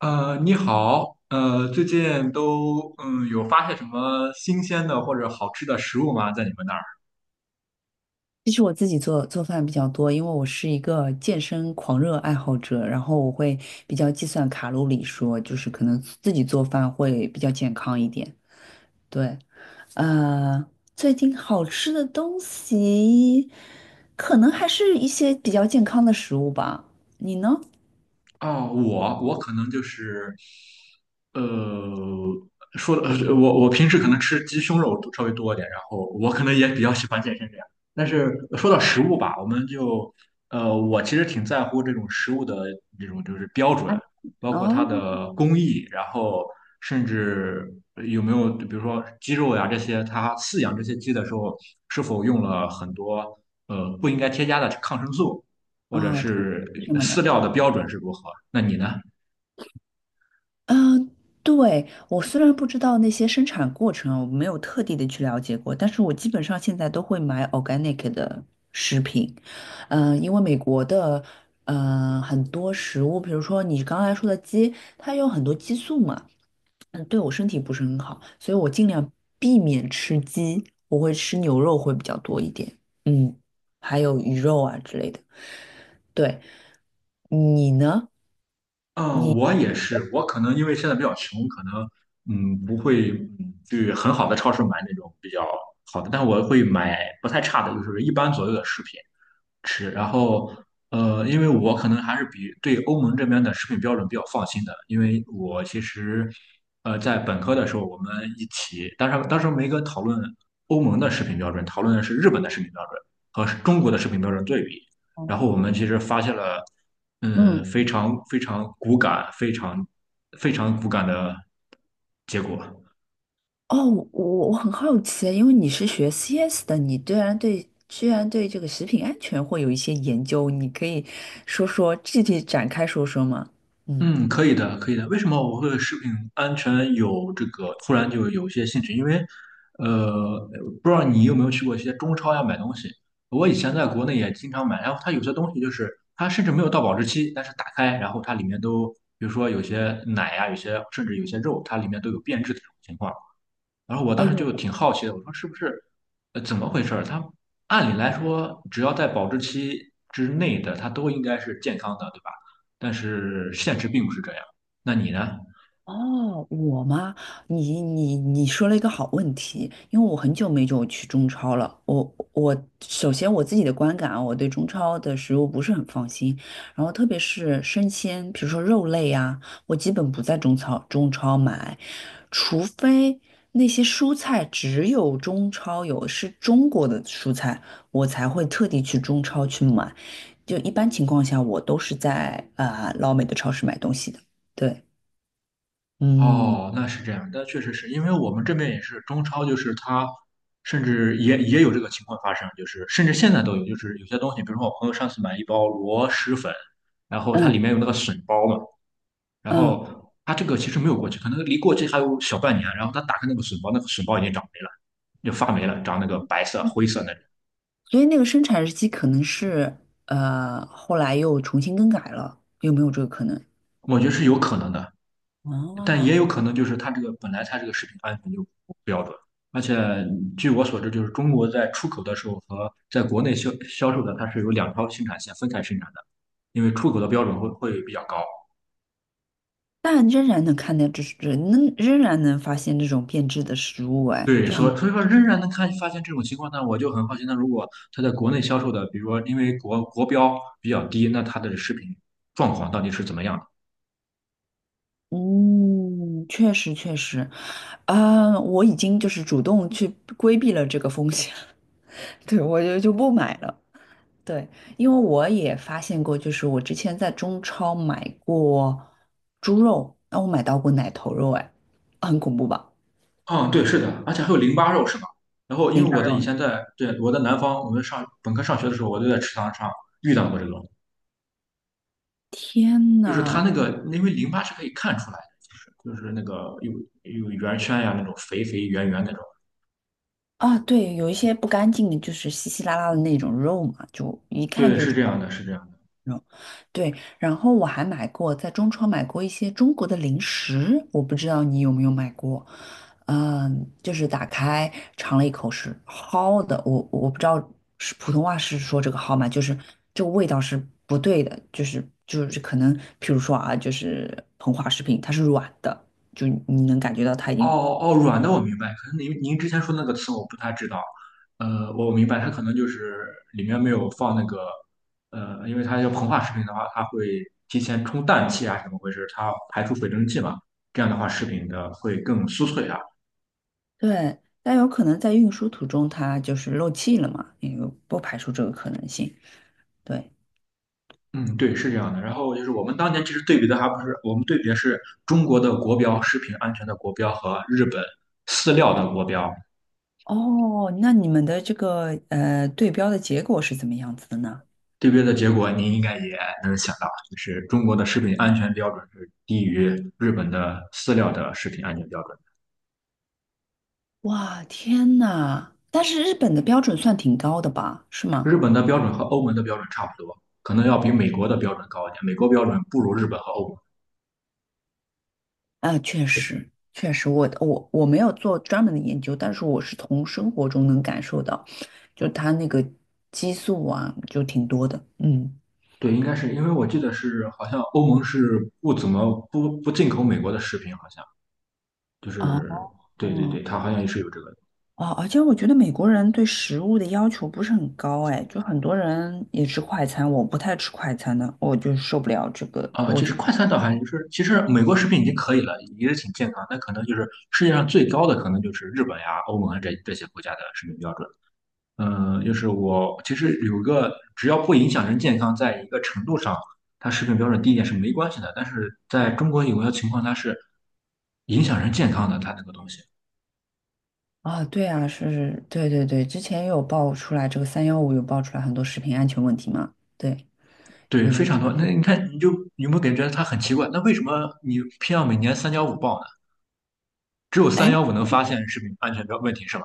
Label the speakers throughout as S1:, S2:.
S1: 你好，最近都有发现什么新鲜的或者好吃的食物吗？在你们那儿？
S2: 其实我自己做饭比较多，因为我是一个健身狂热爱好者，然后我会比较计算卡路里说，就是可能自己做饭会比较健康一点。对。呃，最近好吃的东西，可能还是一些比较健康的食物吧。你呢？
S1: 哦，我可能就是，呃，我平时可能吃鸡胸肉稍微多一点，然后我可能也比较喜欢健身这样。但是说到食物吧，我们就，我其实挺在乎这种食物的这种就是标准，
S2: 啊。
S1: 包括它
S2: 哦。
S1: 的工艺，然后甚至有没有比如说鸡肉呀这些，它饲养这些鸡的时候是否用了很多不应该添加的抗生素。或者
S2: 哦，
S1: 是
S2: 什么
S1: 饲
S2: 的？
S1: 料的标准是如何？那你呢？
S2: 嗯，呃对，我虽然不知道那些生产过程，我没有特地的去了解过，但是我基本上现在都会买 organic 的食品。嗯，因为美国的，很多食物，比如说你刚才说的鸡，它有很多激素嘛。嗯，对我身体不是很好，所以我尽量避免吃鸡，我会吃牛肉会比较多一点。嗯，还有鱼肉啊之类的。对，你呢？
S1: 嗯，
S2: 你。
S1: 我也是，我可能因为现在比较穷，可能不会去很好的超市买那种比较好的，但我会买不太差的，就是一般左右的食品。吃。然后，因为我可能还是比对欧盟这边的食品标准比较放心的，因为我其实，在本科的时候我们一起，当时没跟讨论欧盟的食品标准，讨论的是日本的食品标准和中国的食品标准对比。然后我们其实发现了，
S2: 嗯。
S1: 嗯，非常骨感，非常骨感的结果。
S2: 哦，我我很好奇，因为你是学 CS 的，你居然对这个食品安全会有一些研究，你可以说说具体展开吗？嗯。
S1: 嗯，可以的，可以的。为什么我会食品安全有这个突然就有一些兴趣？因为，呃，不知道你有没有去过一些中超呀买东西？我以前在国内也经常买，然后它有些东西就是它甚至没有到保质期，但是打开，然后它里面都，比如说有些奶呀，有些甚至有些肉，它里面都有变质的这种情况。然后我
S2: 哦
S1: 当时
S2: 有。
S1: 就挺好奇的，我说是不是，怎么回事儿？它按理来说，只要在保质期之内的，它都应该是健康的，对吧？但是现实并不是这样。那你呢？
S2: 哦，我吗？你说了一个好问题，因为我很久没有去中超了。我首先我自己的观感啊，我对中超的食物不是很放心，然后特别是生鲜，比如说肉类啊，我基本不在中超买，除非那些蔬菜只有中超有，是中国的蔬菜，我才会特地去中超去买。就一般情况下，我都是在老美的超市买东西的。对。嗯。
S1: 哦，那是这样，那确实是因为我们这边也是中超，就是它甚至也有这个情况发生，就是甚至现在都有，就是有些东西，比如说我朋友上次买一包螺蛳粉，然后它
S2: 嗯
S1: 里面有那个笋包嘛，然
S2: 嗯，
S1: 后它这个其实没有过期，可能离过期还有小半年，然后他打开那个笋包，那个笋包已经长霉了。就发霉了，长那个白色、灰色那种。
S2: 所以那个生产日期可能是后来又重新更改了，有没有这个可能？
S1: 我觉得是有可能的，但也
S2: 哦，
S1: 有可能就是它这个本来它这个食品安全就不标准，而且据我所知，就是中国在出口的时候和在国内销售的，它是有两条生产线分开生产的，因为出口的标准会比较高。
S2: 但仍然能发现这种变质的食物，哎，
S1: 对，
S2: 这很
S1: 所以说仍然能看发现这种情况呢，我就很好奇，那如果它在国内销售的，比如说因为国标比较低，那它的食品状况到底是怎么样的？
S2: 嗯，确实确实啊，我已经就是主动去规避了这个风险。对，我就不买了。对，因为我也发现过，就是我之前在中超买过猪肉，那我买到过奶头肉，哎，很恐怖吧？
S1: 嗯，对，是的，而且还有淋巴肉是吧？然后因为我的以前在我在南方，我们上本科上学的时候，我就在池塘上遇到过这种，
S2: 天
S1: 就是它
S2: 呐。
S1: 那个因为淋巴是可以看出来的，就是那个有圆圈呀那种肥肥圆圆那种，
S2: 啊，对，有一些不干净的，就是稀稀拉拉的那种肉嘛，就一看
S1: 对，
S2: 就
S1: 是
S2: 知
S1: 这样
S2: 道
S1: 的，是这样的。
S2: 那种。对，然后我还买过，在中超买过一些中国的零食，我不知道你有没有买过。嗯，就是打开尝了一口是蒿的，我不知道是普通话是说这个蒿吗？就是这个味道是不对的，就是可能，譬如说啊，就是膨化食品，它是软的，就你能感觉到它已
S1: 哦
S2: 经
S1: 哦，软的我明白，可能您之前说那个词我不太知道，我明白，它可能就是里面没有放那个，因为它要膨化食品的话，它会提前充氮气啊，怎么回事？它排出水蒸气嘛，这样的话食品的会更酥脆啊。
S2: 对，但有可能在运输途中它就是漏气了嘛，也有不排除这个可能性。对。
S1: 嗯，对，是这样的。然后就是我们当年其实对比的还不是，我们对比的是中国的国标，食品安全的国标和日本饲料的国标。
S2: 哦，那你们的这个对标的结果是怎么样子的呢？
S1: 对边的结果您应该也能想到，就是中国的食品安全标准是低于日本的饲料的食品安全标准。
S2: 哇，天呐！但是日本的标准算挺高的吧？是
S1: 日
S2: 吗？
S1: 本的标准和欧盟的标准差不多，可能要比美国的标准高一点。美国标准不如日本和欧盟。
S2: 啊，确实，确实，我没有做专门的研究，但是我是从生活中能感受到，就它那个激素啊，就挺多的。嗯。
S1: 对，应该是因为我记得是好像欧盟是不怎么不进口美国的食品，好像就
S2: 哦。
S1: 是对对对，它好像也是有这个
S2: 哦，而且我觉得美国人对食物的要求不是很高，哎，就很多人也吃快餐，我不太吃快餐的，我就受不了这个，
S1: 啊。
S2: 我
S1: 其实
S2: 就
S1: 快餐倒还就是其实美国食品已经可以了，也是挺健康，但可能就是世界上最高的可能就是日本呀、欧盟啊这些国家的食品标准。嗯，就是我其实有一个，只要不影响人健康，在一个程度上，它食品标准低一点是没关系的。但是在中国有些情况，它是影响人健康的，它那个东西，
S2: 啊，对啊，是，对对对，之前也有爆出来这个三幺五有爆出来很多食品安全问题嘛。对。
S1: 对，非
S2: 嗯。
S1: 常多。那你看，你就有没有感觉它很奇怪？那为什么你偏要每年三幺五报呢？只有
S2: 哎，
S1: 三幺五能发现食品安全标问题是吧？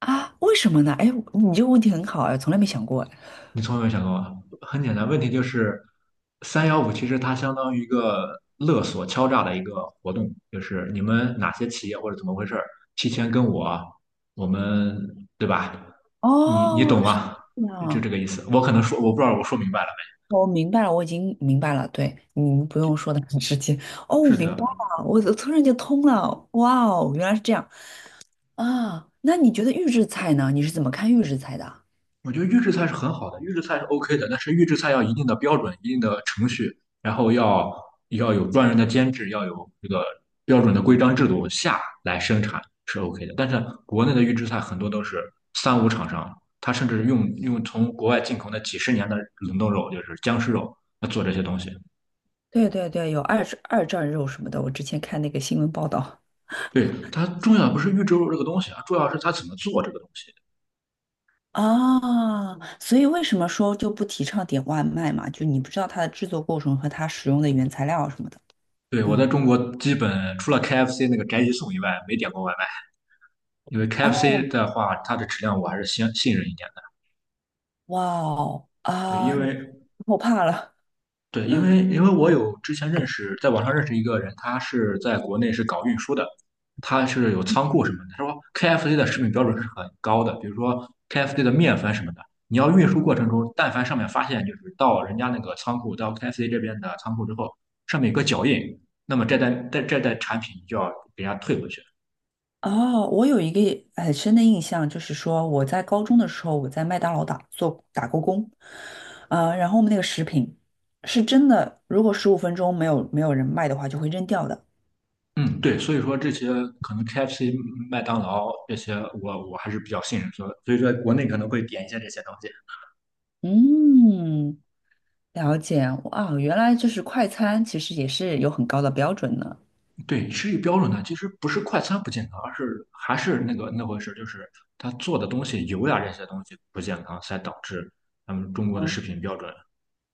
S2: 啊，为什么呢？哎，你这个问题很好哎，从来没想过哎。
S1: 你从来没想过吗？很简单，问题就是三幺五其实它相当于一个勒索敲诈的一个活动，就是你们哪些企业或者怎么回事儿，提前跟我，我们对吧？你你懂
S2: 哦，是
S1: 吗？
S2: 这
S1: 就
S2: 样。
S1: 这个意思。我可能说我不知道我说明白了没？
S2: 我明白了，我已经明白了。对，你们不用说的很直接。哦，我
S1: 是
S2: 明白
S1: 的，
S2: 了，我突然就通了。哇哦，原来是这样。啊，那你觉得预制菜呢？你是怎么看预制菜的啊
S1: 我觉得预制菜是很好的，预制菜是 OK 的，但是预制菜要一定的标准、一定的程序，然后要有专人的监制，要有这个标准的规章制度下来生产是 OK 的。但是国内的预制菜很多都是三无厂商，他甚至用从国外进口的几十年的冷冻肉，就是僵尸肉，来做这些东西。
S2: 对对对，有二战肉什么的，我之前看那个新闻报道。
S1: 对，它重要不是预制肉这个东西啊，重要是它怎么做这个东西。
S2: 啊，所以为什么说就不提倡点外卖嘛？就你不知道它的制作过程和它使用的原材料什么的。
S1: 对，我在
S2: 嗯。
S1: 中国基本除了 KFC 那个宅急送以外，没点过外卖，因为
S2: 哦。
S1: KFC 的话，它的质量我还是信任一点的。
S2: 哇哦，
S1: 对，
S2: 啊，
S1: 因
S2: 你
S1: 为
S2: 我怕了。
S1: 对，因为我有之前认识，在网上认识一个人，他是在国内是搞运输的，他是有仓库什么的。他说 KFC 的食品标准是很高的，比如说 KFC 的面粉什么的，你要运输过程中，但凡上面发现就是到人家那个仓库，到 KFC 这边的仓库之后，上面有个脚印，那么这单产品就要给人家退回去。
S2: 哦，我有一个很深的印象，就是说我在高中的时候，我在麦当劳打过工。然后我们那个食品是真的，如果15分钟没有人卖的话，就会扔掉的。
S1: 嗯，对，所以说这些可能 KFC、麦当劳这些我，我还是比较信任，所以说国内可能会点一些这些东西。
S2: 嗯，了解。啊，原来就是快餐其实也是有很高的标准的。
S1: 对，吃一标准呢，其实不是快餐不健康，而是还是那个那回事，就是他做的东西油呀这些东西不健康，才导致咱们中国的
S2: 哦。
S1: 食品标准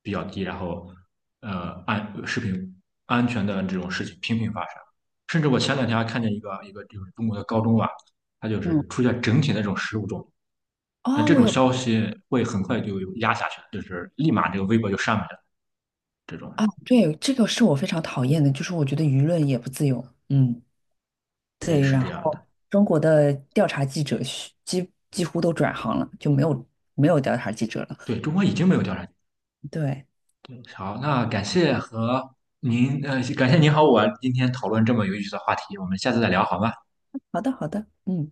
S1: 比较低，然后食品安全的这种事情频频发生。甚至我前两天还看见一个就是中国的高中啊，它就
S2: 嗯，
S1: 是出现整体的这种食物中毒。那
S2: 哦，
S1: 这
S2: 我
S1: 种
S2: 有
S1: 消息会很快就压下去了，就是立马这个微博就上面了。这种，
S2: 啊，对，这个是我非常讨厌的，就是我觉得舆论也不自由。嗯。
S1: 对，
S2: 对。
S1: 是这样的。
S2: 中国的调查记者是几乎都转行了，就没有调查记者了。
S1: 对中国已经没有调查局。
S2: 对。
S1: 好，那感谢您和我今天讨论这么有意思的话题，我们下次再聊好吗？
S2: 好的，好的，嗯，